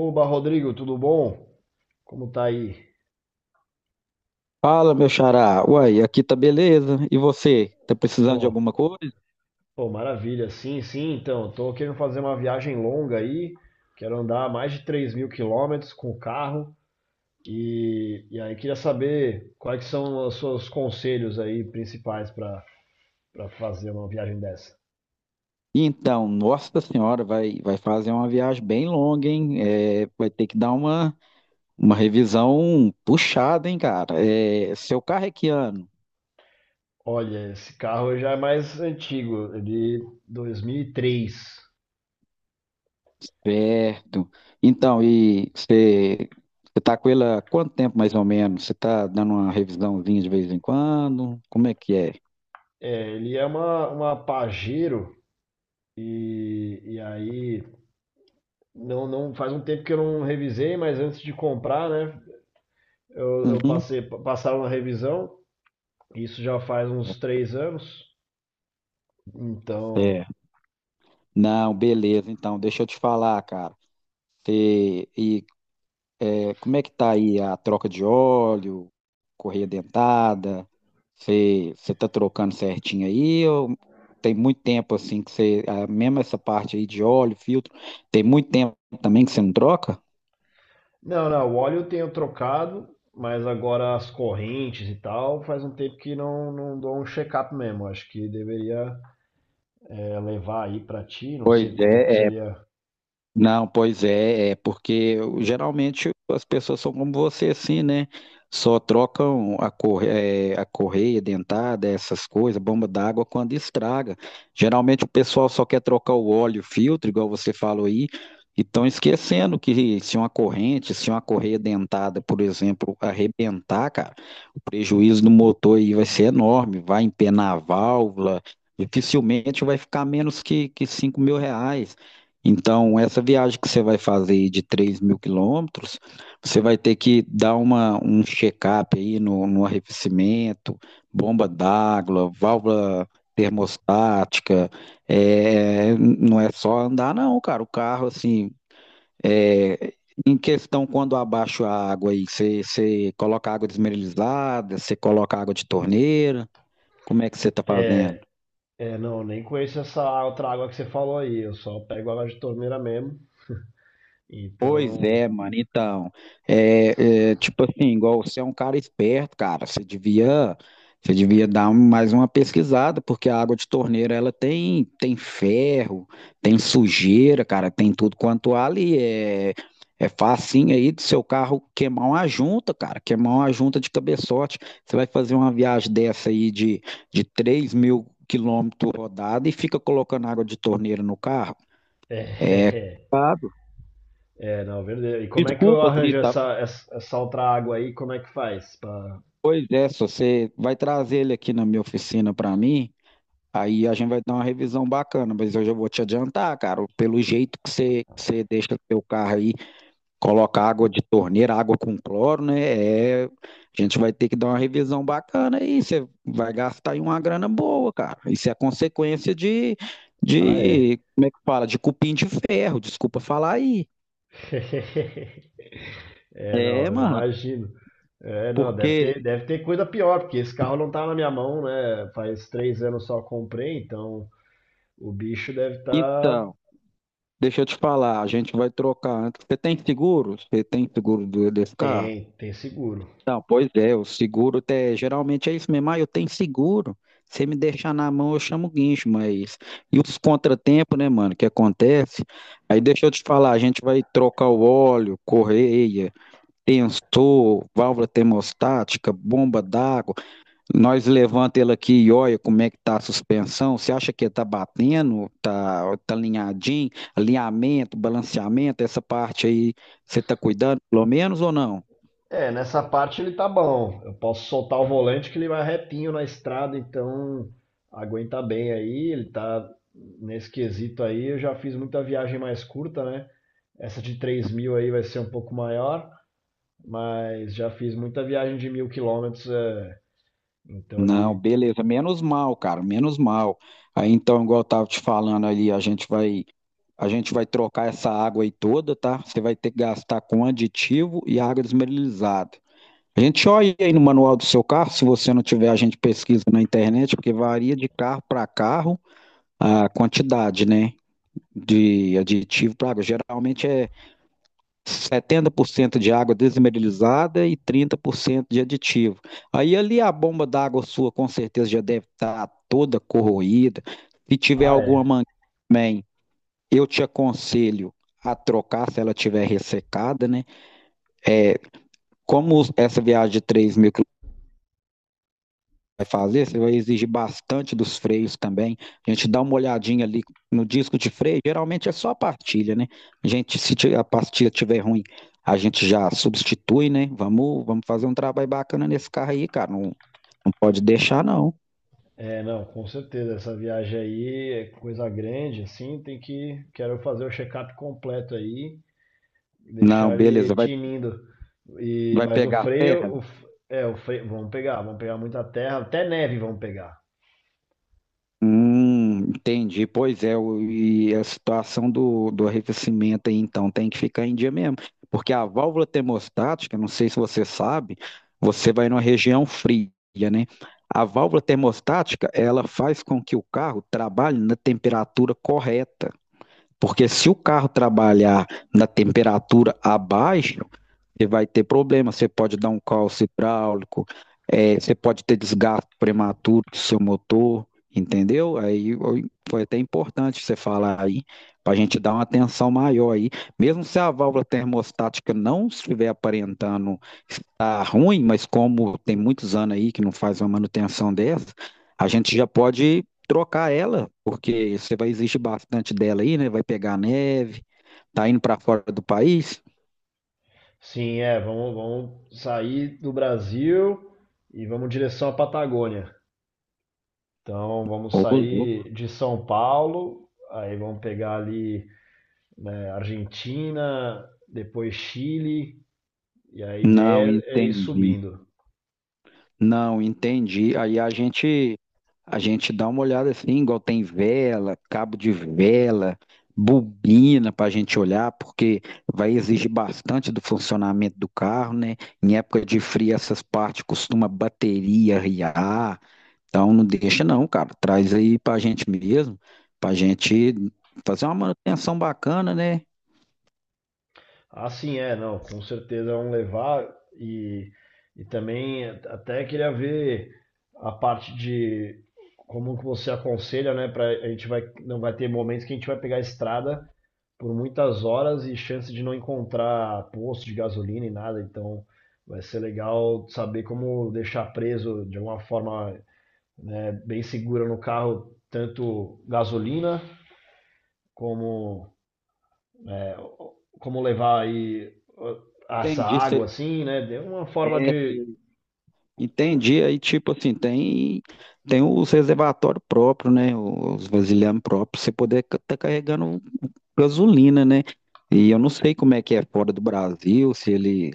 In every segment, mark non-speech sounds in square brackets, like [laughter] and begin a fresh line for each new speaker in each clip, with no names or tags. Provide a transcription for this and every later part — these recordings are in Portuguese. Oba, Rodrigo, tudo bom? Como tá aí?
Fala, meu xará. Uai, aqui tá beleza. E você? Tá precisando de
Pô,
alguma coisa?
pô, maravilha. Sim, sim, então, tô querendo fazer uma viagem longa aí, quero andar mais de 3 mil quilômetros com o carro e aí queria saber quais que são os seus conselhos aí principais para fazer uma viagem dessa.
Então, nossa senhora, vai fazer uma viagem bem longa, hein? Vai ter que dar uma revisão puxada, hein, cara? Seu carro é que ano?
Olha, esse carro já é mais antigo, ele 2003.
Certo. Então, você tá com ele há quanto tempo, mais ou menos? Você tá dando uma revisãozinha de vez em quando? Como é que é?
É, ele é uma Pajero e aí, não, não faz um tempo que eu não revisei, mas antes de comprar, né? Eu
Uhum.
passei, passaram na revisão. Isso já faz uns 3 anos. Então,
É, não, beleza. Então, deixa eu te falar, cara. Você- E, como é que tá aí a troca de óleo, correia dentada? Você tá trocando certinho aí? Ou tem muito tempo assim que você, mesmo essa parte aí de óleo, filtro, tem muito tempo também que você não troca?
não, não. O óleo eu tenho trocado, mas agora as correntes e tal, faz um tempo que não, não dou um check-up mesmo. Acho que deveria é, levar aí pra ti. Não
Pois
sei como que
é,
seria.
Não, pois é, é porque geralmente as pessoas são como você, assim, né? Só trocam a, a correia dentada, essas coisas, bomba d'água, quando estraga. Geralmente o pessoal só quer trocar o óleo, o filtro, igual você falou aí, e estão esquecendo que se uma corrente, se uma correia dentada, por exemplo, arrebentar, cara, o prejuízo do motor aí vai ser enorme, vai empenar a válvula, dificilmente vai ficar menos que R$ 5.000. Então, essa viagem que você vai fazer de 3 mil quilômetros, você vai ter que dar um check-up aí no arrefecimento, bomba d'água, válvula termostática. É, não é só andar, não, cara. O carro, assim, é, em questão, quando abaixa a água aí, você coloca água desmineralizada, você coloca água de torneira, como é que você está fazendo?
É, é, não, nem conheço essa outra água que você falou aí. Eu só pego água de torneira mesmo.
Pois
Então,
é, mano. Então, tipo assim, igual você é um cara esperto, cara, você devia mais uma pesquisada, porque a água de torneira ela tem ferro, tem sujeira, cara, tem tudo quanto há ali. É facinho aí do seu carro queimar uma junta, cara, queimar uma junta de cabeçote. Você vai fazer uma viagem dessa aí de 3 mil quilômetros rodada e fica colocando água de torneira no carro.
[laughs] é,
É,
é,
complicado.
é, não, verdadeiro. E como é que eu
Desculpa, assim,
arranjo essa outra água aí? Como é que faz? Pra-
pois é, se você vai trazer ele aqui na minha oficina para mim, aí a gente vai dar uma revisão bacana, mas eu já vou te adiantar, cara, pelo jeito que você deixa seu carro aí, coloca água de torneira, água com cloro, né? É, a gente vai ter que dar uma revisão bacana aí, você vai gastar aí uma grana boa, cara. Isso é consequência
ah, é.
como é que fala? De cupim de ferro, desculpa falar aí.
[laughs] É,
É,
não, eu
mano,
imagino. É, não,
porque,
deve ter coisa pior, porque esse carro não tá na minha mão, né? Faz 3 anos só comprei, então o bicho deve estar. Tá...
então. Deixa eu te falar, a gente vai trocar antes. Você tem seguro? Você tem seguro desse carro?
Tem, tem seguro.
Não, pois é, o seguro até, geralmente é isso mesmo. Ah, eu tenho seguro. Se me deixar na mão, eu chamo o guincho, mas. E os contratempos, né, mano, que acontece? Aí deixa eu te falar, a gente vai trocar o óleo, correia, tensor, válvula termostática, bomba d'água. Nós levanta ele aqui e olha como é que tá a suspensão. Você acha que tá batendo? Tá alinhadinho? Alinhamento, balanceamento, essa parte aí, você tá cuidando pelo menos ou não?
É, nessa parte ele tá bom. Eu posso soltar o volante que ele vai retinho na estrada, então aguenta bem aí. Ele tá nesse quesito aí. Eu já fiz muita viagem mais curta, né? Essa de 3 mil aí vai ser um pouco maior, mas já fiz muita viagem de 1000 quilômetros. É. Então
Não,
ele.
beleza, menos mal, cara, menos mal. Aí então, igual eu tava te falando ali, a gente vai trocar essa água aí toda, tá? Você vai ter que gastar com aditivo e água desmineralizada. A gente olha aí no manual do seu carro, se você não tiver, a gente pesquisa na internet, porque varia de carro para carro a quantidade, né, de aditivo para água. Geralmente é 70% de água desmineralizada e 30% de aditivo. Aí ali a bomba d'água sua com certeza já deve estar toda corroída. Se tiver
Ah,
alguma
é.
mangueira também, eu te aconselho a trocar se ela tiver ressecada, né? Como essa viagem de 3 mil quilômetros vai fazer, você vai exigir bastante dos freios também. A gente dá uma olhadinha ali no disco de freio, geralmente é só a pastilha, né? A gente, se a pastilha tiver ruim, a gente já substitui, né? Vamos fazer um trabalho bacana nesse carro aí, cara. Não, não pode deixar, não.
É, não, com certeza. Essa viagem aí é coisa grande, assim. Tem que. Quero fazer o check-up completo aí.
Não,
Deixar ele
beleza, vai,
tinindo. E,
vai
mas o
pegar a serra?
freio, o, f- é, o freio, vamos pegar muita terra, até neve vamos pegar.
Entendi. Pois é, e a situação do arrefecimento aí, então, tem que ficar em dia mesmo. Porque a válvula termostática, não sei se você sabe, você vai numa região fria, né? A válvula termostática, ela faz com que o carro trabalhe na temperatura correta. Porque se o carro trabalhar na temperatura abaixo você vai ter problema, você pode dar um calço hidráulico, você pode ter desgaste prematuro do seu motor, entendeu? Aí ó, foi até importante você falar aí, para a gente dar uma atenção maior aí. Mesmo se a válvula termostática não estiver aparentando estar ruim, mas como tem muitos anos aí que não faz uma manutenção dessa, a gente já pode trocar ela, porque você vai exigir bastante dela aí, né? Vai pegar neve, tá indo para fora do país.
Sim, é, vamos, vamos sair do Brasil e vamos em direção à Patagônia. Então vamos
Ô,
sair de São Paulo, aí vamos pegar ali, né, Argentina, depois Chile, e a
Não
ideia é ir
entendi.
subindo.
Não entendi. Aí a gente dá uma olhada assim, igual tem vela, cabo de vela, bobina para a gente olhar, porque vai exigir bastante do funcionamento do carro, né? Em época de frio essas partes costuma bateria riar, então não deixa não, cara. Traz aí para a gente mesmo, para a gente fazer uma manutenção bacana, né?
Ah, sim, é, não, com certeza vão levar e, e também até queria ver a parte de como que você aconselha, né, para a gente vai não vai ter momentos que a gente vai pegar a estrada por muitas horas e chance de não encontrar posto de gasolina e nada, então vai ser legal saber como deixar preso de alguma forma, né, bem segura no carro tanto gasolina como como levar aí ah, essa
Entendi,
água
você
assim, né? Deu uma forma de.
Entendi. Aí, tipo assim, tem, tem os reservatórios próprios, né? Os vasilhames próprios, pra você poder tá carregando gasolina, né? E eu não sei como é que é fora do Brasil, se ele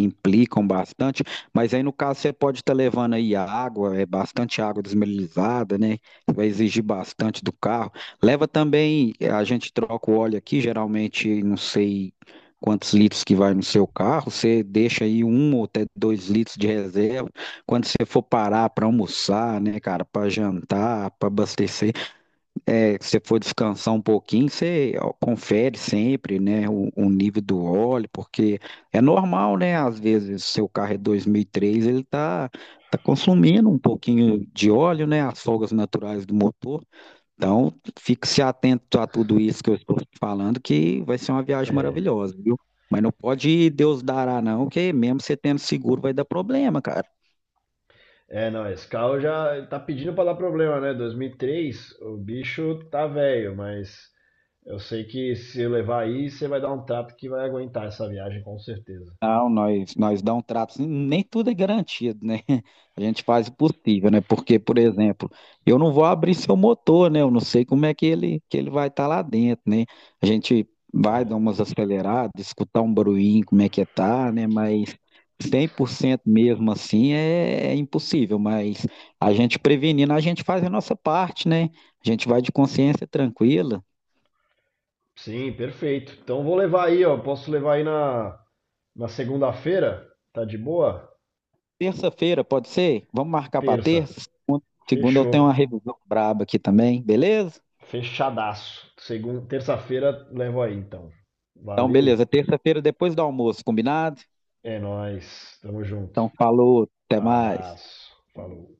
implicam bastante, mas aí no caso você pode estar levando aí a água, é bastante água desmineralizada, né? Vai exigir bastante do carro. Leva também, a gente troca o óleo aqui, geralmente não sei quantos litros que vai no seu carro, você deixa aí um ou até 2 litros de reserva quando você for parar para almoçar, né, cara, para jantar, para abastecer se você for descansar um pouquinho, você ó, confere sempre, né, o nível do óleo, porque é normal, né? Às vezes, seu carro é 2003, tá consumindo um pouquinho de óleo, né? As folgas naturais do motor. Então, fique-se atento a tudo isso que eu estou te falando, que vai ser uma viagem
É,
maravilhosa, viu? Mas não pode Deus dará, não, que mesmo você tendo seguro vai dar problema, cara.
é não, esse carro já tá pedindo pra dar problema, né? 2003, o bicho tá velho, mas eu sei que se eu levar aí, você vai dar um trato que vai aguentar essa viagem, com certeza.
Não, nós dá um trato, assim, nem tudo é garantido, né? [laughs] A gente faz o possível, né? Porque, por exemplo, eu não vou abrir seu motor, né? Eu não sei como é que que ele vai estar lá dentro, né? A gente vai dar umas aceleradas, escutar um barulhinho, como é que tá, né? Mas 100% mesmo assim é impossível, mas a gente prevenindo, a gente faz a nossa parte, né? A gente vai de consciência tranquila.
Sim, perfeito. Então vou levar aí, ó. Posso levar aí na, na segunda-feira? Tá de boa?
Terça-feira, pode ser? Vamos marcar para
Terça.
terça? Segunda eu
Fechou.
tenho uma revisão braba aqui também, beleza?
Fechadaço. Segunda, terça-feira levo aí, então.
Então,
Valeu.
beleza. Terça-feira depois do almoço, combinado?
É nóis, tamo junto.
Então, falou, até mais.
Abraço, falou.